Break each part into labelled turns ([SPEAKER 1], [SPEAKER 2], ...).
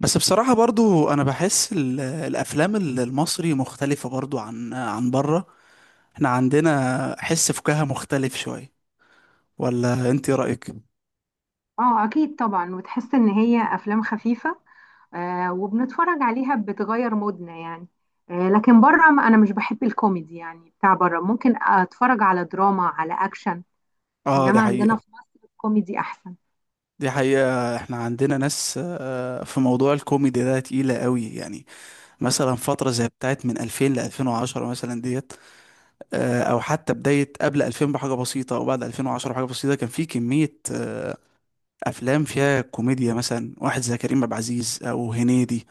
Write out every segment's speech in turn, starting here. [SPEAKER 1] بس بصراحة برضو أنا بحس الأفلام المصري مختلفة برضو عن بره. احنا عندنا حس فكاهة مختلف شوية، ولا أنت إيه رأيك؟
[SPEAKER 2] اه، اكيد طبعا وتحس ان هي افلام خفيفه. وبنتفرج عليها بتغير مودنا يعني. لكن بره ما انا مش بحب الكوميدي يعني، بتاع بره ممكن اتفرج على دراما على اكشن.
[SPEAKER 1] آه، دي
[SPEAKER 2] انما عندنا
[SPEAKER 1] حقيقة.
[SPEAKER 2] في مصر الكوميدي احسن.
[SPEAKER 1] دي حقيقة، احنا عندنا ناس في موضوع الكوميدي ده تقيلة قوي يعني. مثلا فترة زي بتاعت من 2000 ل 2010 مثلا ديت، أو حتى بداية قبل 2000 بحاجة بسيطة أو بعد 2010 بحاجة بسيطة، كان في كمية أفلام فيها كوميديا، مثلا واحد زي كريم عبد العزيز أو هنيدي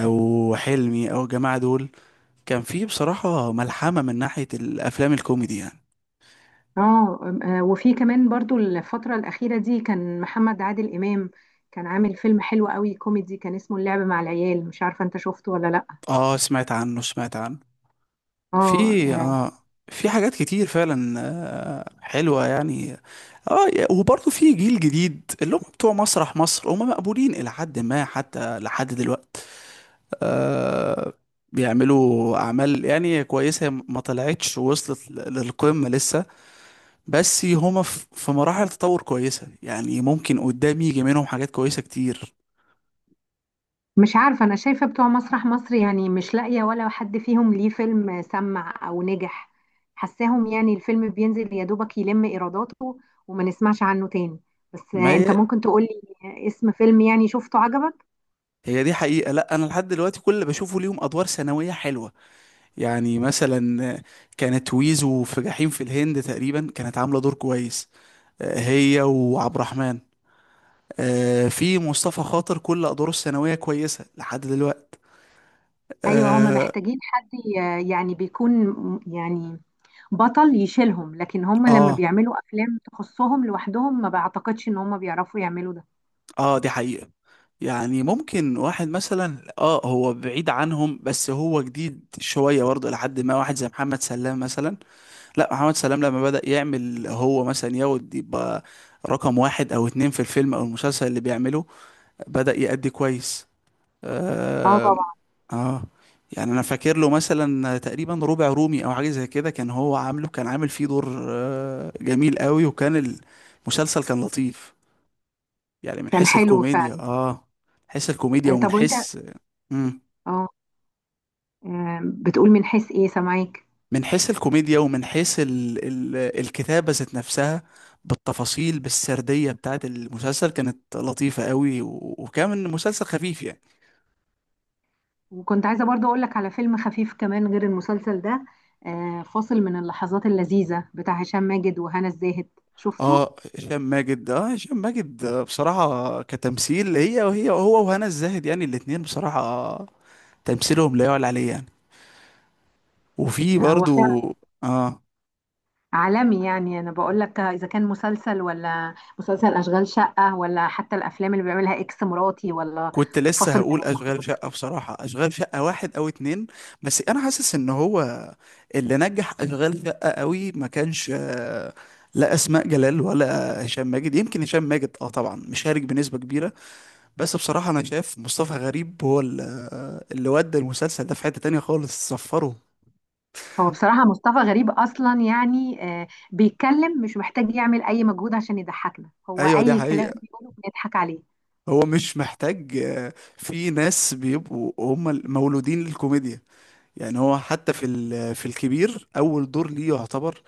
[SPEAKER 1] او حلمي او الجماعه دول. كان في بصراحه ملحمه من ناحيه الافلام الكوميدي يعني.
[SPEAKER 2] وفي كمان برضو الفتره الاخيره دي كان محمد عادل امام، كان عامل فيلم حلو قوي كوميدي كان اسمه اللعب مع العيال. مش عارفه انت شفته ولا لا؟
[SPEAKER 1] اه، سمعت عنه، سمعت عنه.
[SPEAKER 2] اه
[SPEAKER 1] في
[SPEAKER 2] آه،
[SPEAKER 1] اه في حاجات كتير فعلا، حلوه يعني. اه، وبرضه في جيل جديد اللي هم بتوع مسرح مصر، هم مقبولين الى حد ما حتى لحد دلوقتي. آه، بيعملوا اعمال يعني كويسه، ما طلعتش وصلت للقمه لسه. بس هما في مراحل تطور كويسة، يعني ممكن قدام يجي منهم حاجات كويسة كتير.
[SPEAKER 2] مش عارفة، أنا شايفة بتوع مسرح مصر يعني مش لاقية ولا حد فيهم ليه فيلم سمع أو نجح. حساهم يعني الفيلم بينزل يا دوبك يلم إيراداته وما نسمعش عنه تاني. بس
[SPEAKER 1] ما
[SPEAKER 2] أنت
[SPEAKER 1] هي،
[SPEAKER 2] ممكن تقولي اسم فيلم يعني شفته عجبك؟
[SPEAKER 1] هي دي حقيقة. لا، أنا لحد دلوقتي كل اللي بشوفه ليهم أدوار ثانوية حلوة. يعني مثلا كانت ويزو في جحيم في الهند تقريبا كانت عاملة دور كويس، آه، هي وعبد الرحمن. آه، في مصطفى خاطر كل أدواره الثانوية كويسة لحد دلوقتي.
[SPEAKER 2] أيوة هما
[SPEAKER 1] اه.
[SPEAKER 2] محتاجين حد يعني بطل يشيلهم، لكن هما لما
[SPEAKER 1] اه،
[SPEAKER 2] بيعملوا أفلام تخصهم لوحدهم ما بعتقدش إن هما بيعرفوا يعملوا ده.
[SPEAKER 1] دي حقيقة. يعني ممكن واحد مثلا، اه، هو بعيد عنهم بس هو جديد شوية برضه، لحد ما واحد زي محمد سلام مثلا. لا، محمد سلام لما بدأ يعمل هو مثلا ياخد يبقى رقم واحد او اتنين في الفيلم او المسلسل اللي بيعمله، بدأ يأدي كويس.
[SPEAKER 2] اه
[SPEAKER 1] آه,
[SPEAKER 2] طبعا.
[SPEAKER 1] اه، يعني انا فاكر له مثلا تقريبا ربع رومي او حاجة زي كده، كان هو عامل فيه دور آه جميل قوي، وكان المسلسل كان لطيف يعني، من
[SPEAKER 2] كان
[SPEAKER 1] حيث
[SPEAKER 2] حلو
[SPEAKER 1] الكوميديا.
[SPEAKER 2] فعلا.
[SPEAKER 1] اه، حيث الكوميديا ومن
[SPEAKER 2] طب وأنت؟
[SPEAKER 1] حيث. مم.
[SPEAKER 2] اه بتقول من حيث إيه؟ سامعاك.
[SPEAKER 1] من حيث الكوميديا ومن حيث ال الكتابة ذات نفسها، بالتفاصيل بالسردية بتاعت المسلسل، كانت لطيفة قوي، وكان مسلسل خفيف يعني.
[SPEAKER 2] وكنت عايزة برضو أقولك على فيلم خفيف كمان غير المسلسل ده. فاصل من اللحظات اللذيذة، بتاع هشام ماجد وهنا الزاهد. شفته؟
[SPEAKER 1] اه، هشام ماجد، اه، هشام ماجد، آه، بصراحة كتمثيل، هي وهي هو وهنا الزاهد، يعني الاتنين بصراحة تمثيلهم لا يعلى عليه يعني. وفي
[SPEAKER 2] هو
[SPEAKER 1] برضو
[SPEAKER 2] فعلا
[SPEAKER 1] اه،
[SPEAKER 2] عالمي. يعني أنا بقولك، إذا كان مسلسل ولا مسلسل أشغال شقة ولا حتى الأفلام اللي بيعملها إكس مراتي ولا
[SPEAKER 1] كنت لسه
[SPEAKER 2] فاصل من
[SPEAKER 1] هقول
[SPEAKER 2] اللحظات
[SPEAKER 1] اشغال شقه،
[SPEAKER 2] اللذيذة.
[SPEAKER 1] بصراحه اشغال شقه واحد او اتنين. بس انا حاسس ان هو اللي نجح اشغال شقه قوي ما كانش، لا اسماء جلال ولا هشام ماجد. يمكن هشام ماجد اه طبعا مشارك بنسبه كبيره، بس بصراحه انا شايف مصطفى غريب هو اللي ودى المسلسل ده في حته تانية خالص صفره.
[SPEAKER 2] هو بصراحة مصطفى غريب أصلا يعني، بيتكلم مش محتاج يعمل أي مجهود عشان يضحكنا، هو
[SPEAKER 1] ايوه، دي
[SPEAKER 2] أي
[SPEAKER 1] حقيقه.
[SPEAKER 2] كلام بيقوله بنضحك عليه.
[SPEAKER 1] هو مش محتاج، في ناس بيبقوا هم مولودين للكوميديا. يعني هو حتى في في الكبير اول دور ليه يعتبر،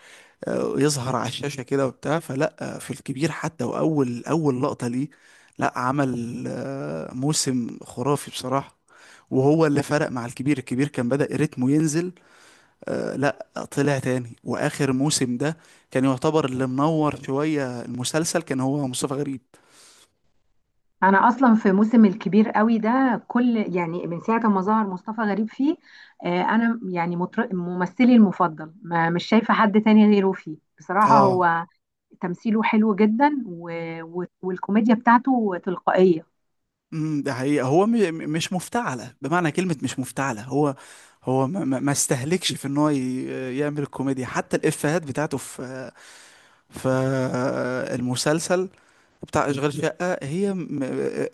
[SPEAKER 1] يظهر على الشاشة كده وبتاع، فلا آه، في الكبير حتى، أول لقطة ليه، لا، عمل موسم خرافي بصراحة. وهو اللي فرق مع الكبير. الكبير كان بدأ رتمه ينزل، آه، لا طلع تاني، وآخر موسم ده كان يعتبر اللي منور شوية المسلسل كان هو مصطفى غريب.
[SPEAKER 2] انا اصلا في موسم الكبير قوي ده، كل يعني من ساعه ما ظهر مصطفى غريب فيه، انا يعني ممثلي المفضل، ما مش شايفه حد تاني غيره فيه بصراحه.
[SPEAKER 1] اه.
[SPEAKER 2] هو تمثيله حلو جدا والكوميديا بتاعته تلقائيه.
[SPEAKER 1] ده حقيقة. هو مش مفتعلة، بمعنى كلمة مش مفتعلة. هو هو ما استهلكش في ان هو يعمل الكوميديا. حتى الإفيهات بتاعته في فالمسلسل بتاع اشغال شقة، هي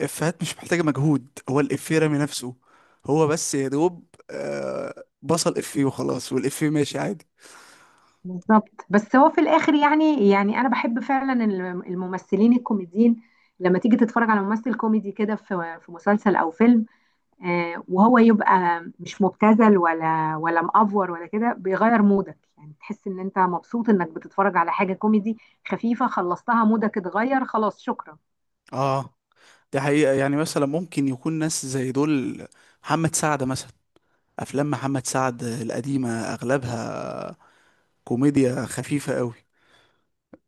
[SPEAKER 1] افيهات مش محتاجة مجهود، هو الافيه رامي نفسه. هو بس يا دوب، بصل افيه وخلاص، والافيه ماشي عادي.
[SPEAKER 2] بالظبط. بس هو في الاخر يعني انا بحب فعلا الممثلين الكوميديين. لما تيجي تتفرج على ممثل كوميدي كده في مسلسل او فيلم، وهو يبقى مش مبتذل ولا مأفور ولا كده، بيغير مودك. يعني تحس ان انت مبسوط انك بتتفرج على حاجة كوميدي خفيفة، خلصتها مودك اتغير خلاص، شكرا.
[SPEAKER 1] اه، دي حقيقة. يعني مثلا ممكن يكون ناس زي دول، محمد سعد مثلا، افلام محمد سعد القديمة اغلبها كوميديا خفيفة قوي،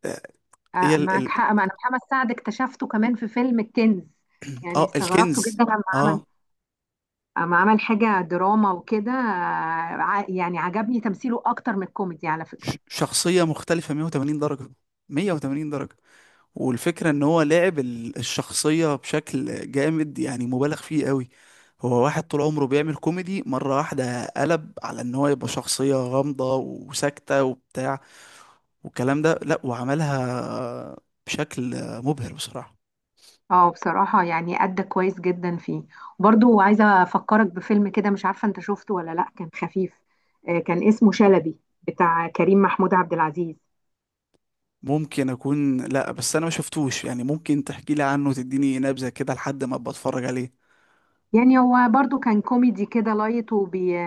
[SPEAKER 1] آه. هي ال
[SPEAKER 2] معك
[SPEAKER 1] ال
[SPEAKER 2] حق. ما انا محمد سعد اكتشفته كمان في فيلم الكنز. يعني
[SPEAKER 1] اه،
[SPEAKER 2] استغربته
[SPEAKER 1] الكنز.
[SPEAKER 2] جدا
[SPEAKER 1] اه،
[SPEAKER 2] لما عمل حاجة دراما وكده، يعني عجبني تمثيله اكتر من الكوميدي على فكرة.
[SPEAKER 1] شخصية مختلفة 180 درجة، 180 درجة. والفكرة ان هو لاعب الشخصية بشكل جامد يعني، مبالغ فيه قوي. هو واحد طول عمره بيعمل كوميدي، مرة واحدة قلب على ان هو يبقى شخصية غامضة وساكتة وبتاع والكلام ده، لا، وعملها بشكل مبهر بصراحة.
[SPEAKER 2] اه، بصراحة يعني أدى كويس جدا فيه. برضو عايزة أفكرك بفيلم كده، مش عارفة أنت شفته ولا لأ، كان خفيف. كان اسمه شلبي، بتاع كريم محمود عبد العزيز.
[SPEAKER 1] ممكن اكون، لا، بس انا ما شفتوش يعني. ممكن تحكي لي عنه وتديني نبذة كده لحد ما ابقى اتفرج عليه.
[SPEAKER 2] يعني هو برضو كان كوميدي كده لايت وبي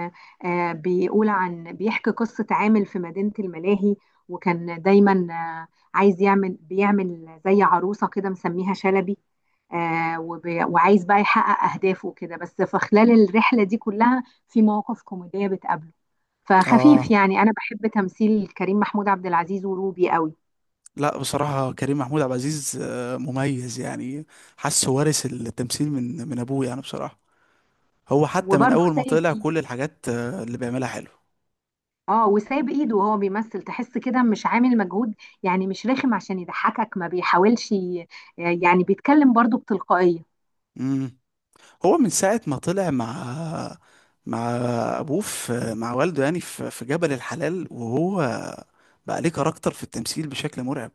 [SPEAKER 2] آه، بيقول عن بيحكي قصة عامل في مدينة الملاهي، وكان دايما آه، عايز يعمل بيعمل زي عروسة كده مسميها شلبي. وعايز بقى يحقق أهدافه كده، بس في خلال الرحلة دي كلها في مواقف كوميدية بتقابله. فخفيف
[SPEAKER 1] اه،
[SPEAKER 2] يعني، انا بحب تمثيل كريم محمود عبد العزيز وروبي قوي.
[SPEAKER 1] لا، بصراحة كريم محمود عبد العزيز، آه، مميز يعني. حاسه وارث التمثيل من ابوه يعني بصراحة. هو حتى من
[SPEAKER 2] وبرضه
[SPEAKER 1] اول ما
[SPEAKER 2] سايب
[SPEAKER 1] طلع،
[SPEAKER 2] ايد
[SPEAKER 1] كل الحاجات اللي بيعملها حلو.
[SPEAKER 2] اه وسايب ايده، وهو بيمثل تحس كده مش عامل مجهود. يعني مش رخم عشان يضحكك، ما بيحاولش يعني بيتكلم برضه بتلقائية.
[SPEAKER 1] امم هو من ساعة ما طلع مع ابوه، في مع والده يعني، في جبل الحلال، وهو بقى ليه كاركتر في التمثيل بشكل مرعب.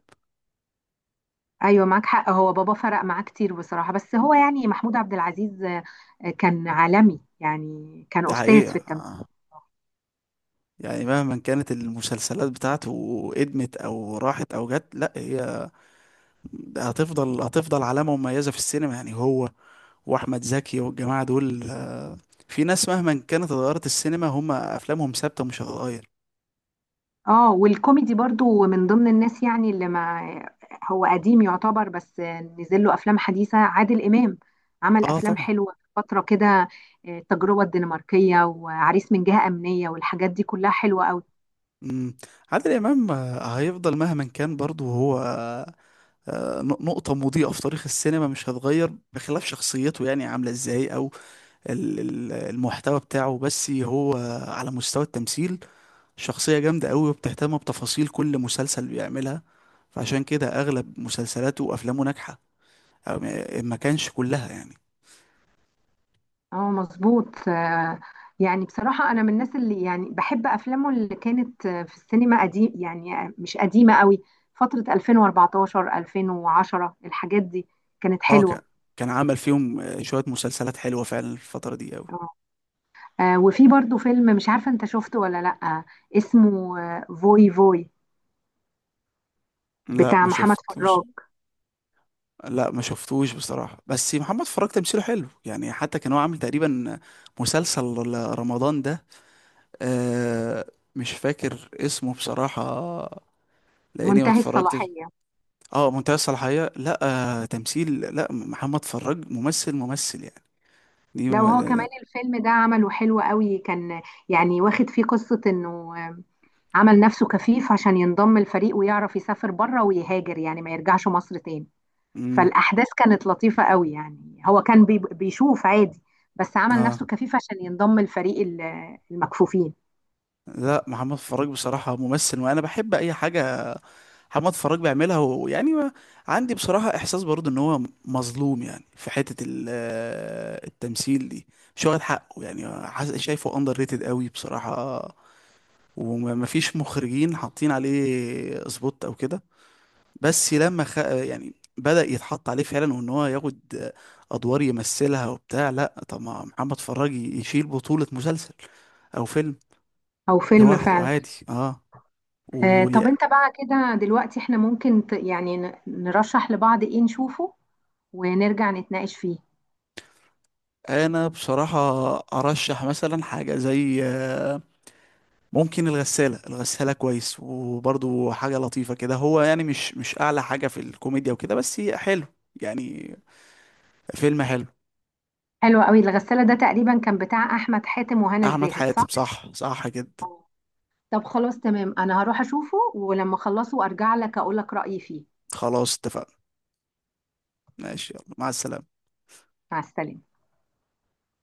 [SPEAKER 2] ايوه معاك حق، هو بابا فرق معاه كتير بصراحة. بس هو يعني محمود عبد العزيز كان عالمي يعني، كان
[SPEAKER 1] ده
[SPEAKER 2] استاذ
[SPEAKER 1] حقيقة.
[SPEAKER 2] في التمثيل.
[SPEAKER 1] يعني مهما كانت المسلسلات بتاعته ادمت او راحت او جت، لا، هي هتفضل علامة مميزة في السينما يعني. هو واحمد زكي والجماعة دول، في ناس مهما كانت اتغيرت السينما، هم افلامهم ثابتة مش هتتغير.
[SPEAKER 2] اه، والكوميدي برضو من ضمن الناس يعني اللي ما... هو قديم يعتبر بس نزل له افلام حديثه. عادل امام عمل
[SPEAKER 1] اه
[SPEAKER 2] افلام
[SPEAKER 1] طبعا.
[SPEAKER 2] حلوه في فتره كده، التجربه الدنماركيه وعريس من جهه امنيه والحاجات دي كلها حلوه قوي.
[SPEAKER 1] مم. عادل إمام، هيفضل مهما كان برضو هو، نقطة مضيئة في تاريخ السينما مش هتغير. بخلاف شخصيته يعني عاملة ازاي أو المحتوى بتاعه، بس هو على مستوى التمثيل شخصية جامدة أوي، وبتهتم بتفاصيل كل مسلسل بيعملها، فعشان كده أغلب مسلسلاته وأفلامه ناجحة، أو ما كانش كلها يعني.
[SPEAKER 2] اه مظبوط. يعني بصراحه انا من الناس اللي يعني بحب افلامه اللي كانت في السينما قديم، يعني مش قديمه قوي. فتره 2014 2010 الحاجات دي كانت
[SPEAKER 1] اه،
[SPEAKER 2] حلوه.
[SPEAKER 1] كان عمل فيهم شوية مسلسلات حلوة فعلا الفترة دي أوي.
[SPEAKER 2] آه. وفي برضو فيلم مش عارفة انت شفته ولا لأ، اسمه فوي فوي،
[SPEAKER 1] لا،
[SPEAKER 2] بتاع
[SPEAKER 1] ما
[SPEAKER 2] محمد
[SPEAKER 1] شفتش.
[SPEAKER 2] فراج.
[SPEAKER 1] لا، ما شفتوش بصراحة، بس محمد فراج تمثيله حلو يعني. حتى كان هو عامل تقريبا مسلسل رمضان ده، آه، مش فاكر اسمه بصراحة، لأني ما
[SPEAKER 2] منتهي
[SPEAKER 1] اتفرجتش.
[SPEAKER 2] الصلاحية.
[SPEAKER 1] اه، منتهى الصلاحية، لا. آه، تمثيل، لا، محمد فراج ممثل ممثل يعني. دي
[SPEAKER 2] لو هو
[SPEAKER 1] ما-
[SPEAKER 2] كمان الفيلم ده عمله حلو قوي كان. يعني واخد فيه قصة انه آه، عمل نفسه كفيف عشان ينضم الفريق ويعرف يسافر بره ويهاجر، يعني ما يرجعش مصر تاني.
[SPEAKER 1] مم،
[SPEAKER 2] فالأحداث كانت لطيفة قوي، يعني هو كان بيشوف عادي، بس عمل
[SPEAKER 1] اه،
[SPEAKER 2] نفسه كفيف عشان ينضم الفريق المكفوفين.
[SPEAKER 1] لا، محمد فراج بصراحة ممثل، وأنا بحب أي حاجة محمد فراج بيعملها، ويعني ما عندي بصراحة إحساس برضه إن هو مظلوم يعني في حتة التمثيل دي. مش واخد حقه يعني، شايفه أندر ريتد قوي بصراحة. ومفيش مخرجين حاطين عليه سبوت أو كده. بس لما خ... آه، يعني بدأ يتحط عليه فعلا، وإن هو ياخد أدوار يمثلها وبتاع. لأ، طب ما محمد فراج يشيل بطولة مسلسل أو فيلم
[SPEAKER 2] أو فيلم
[SPEAKER 1] لوحده
[SPEAKER 2] فعلا.
[SPEAKER 1] عادي. اه. و...
[SPEAKER 2] طب انت بقى كده دلوقتي احنا ممكن نرشح لبعض ايه نشوفه ونرجع نتناقش فيه.
[SPEAKER 1] انا بصراحة ارشح مثلا حاجة زي ممكن الغسالة. الغسالة كويس وبرضو حاجة لطيفة كده، هو يعني مش اعلى حاجة في الكوميديا وكده، بس هي حلو يعني، فيلم حلو.
[SPEAKER 2] حلو قوي، الغسالة ده تقريبا كان بتاع احمد حاتم وهنا
[SPEAKER 1] احمد
[SPEAKER 2] الزاهد،
[SPEAKER 1] حاتم،
[SPEAKER 2] صح؟
[SPEAKER 1] صح، صح جدا.
[SPEAKER 2] آه. طب خلاص تمام، انا هروح اشوفه ولما اخلصه ارجع لك اقول لك رأيي فيه.
[SPEAKER 1] خلاص، اتفقنا، ماشي، يلا، مع السلامة.
[SPEAKER 2] مع السلامة.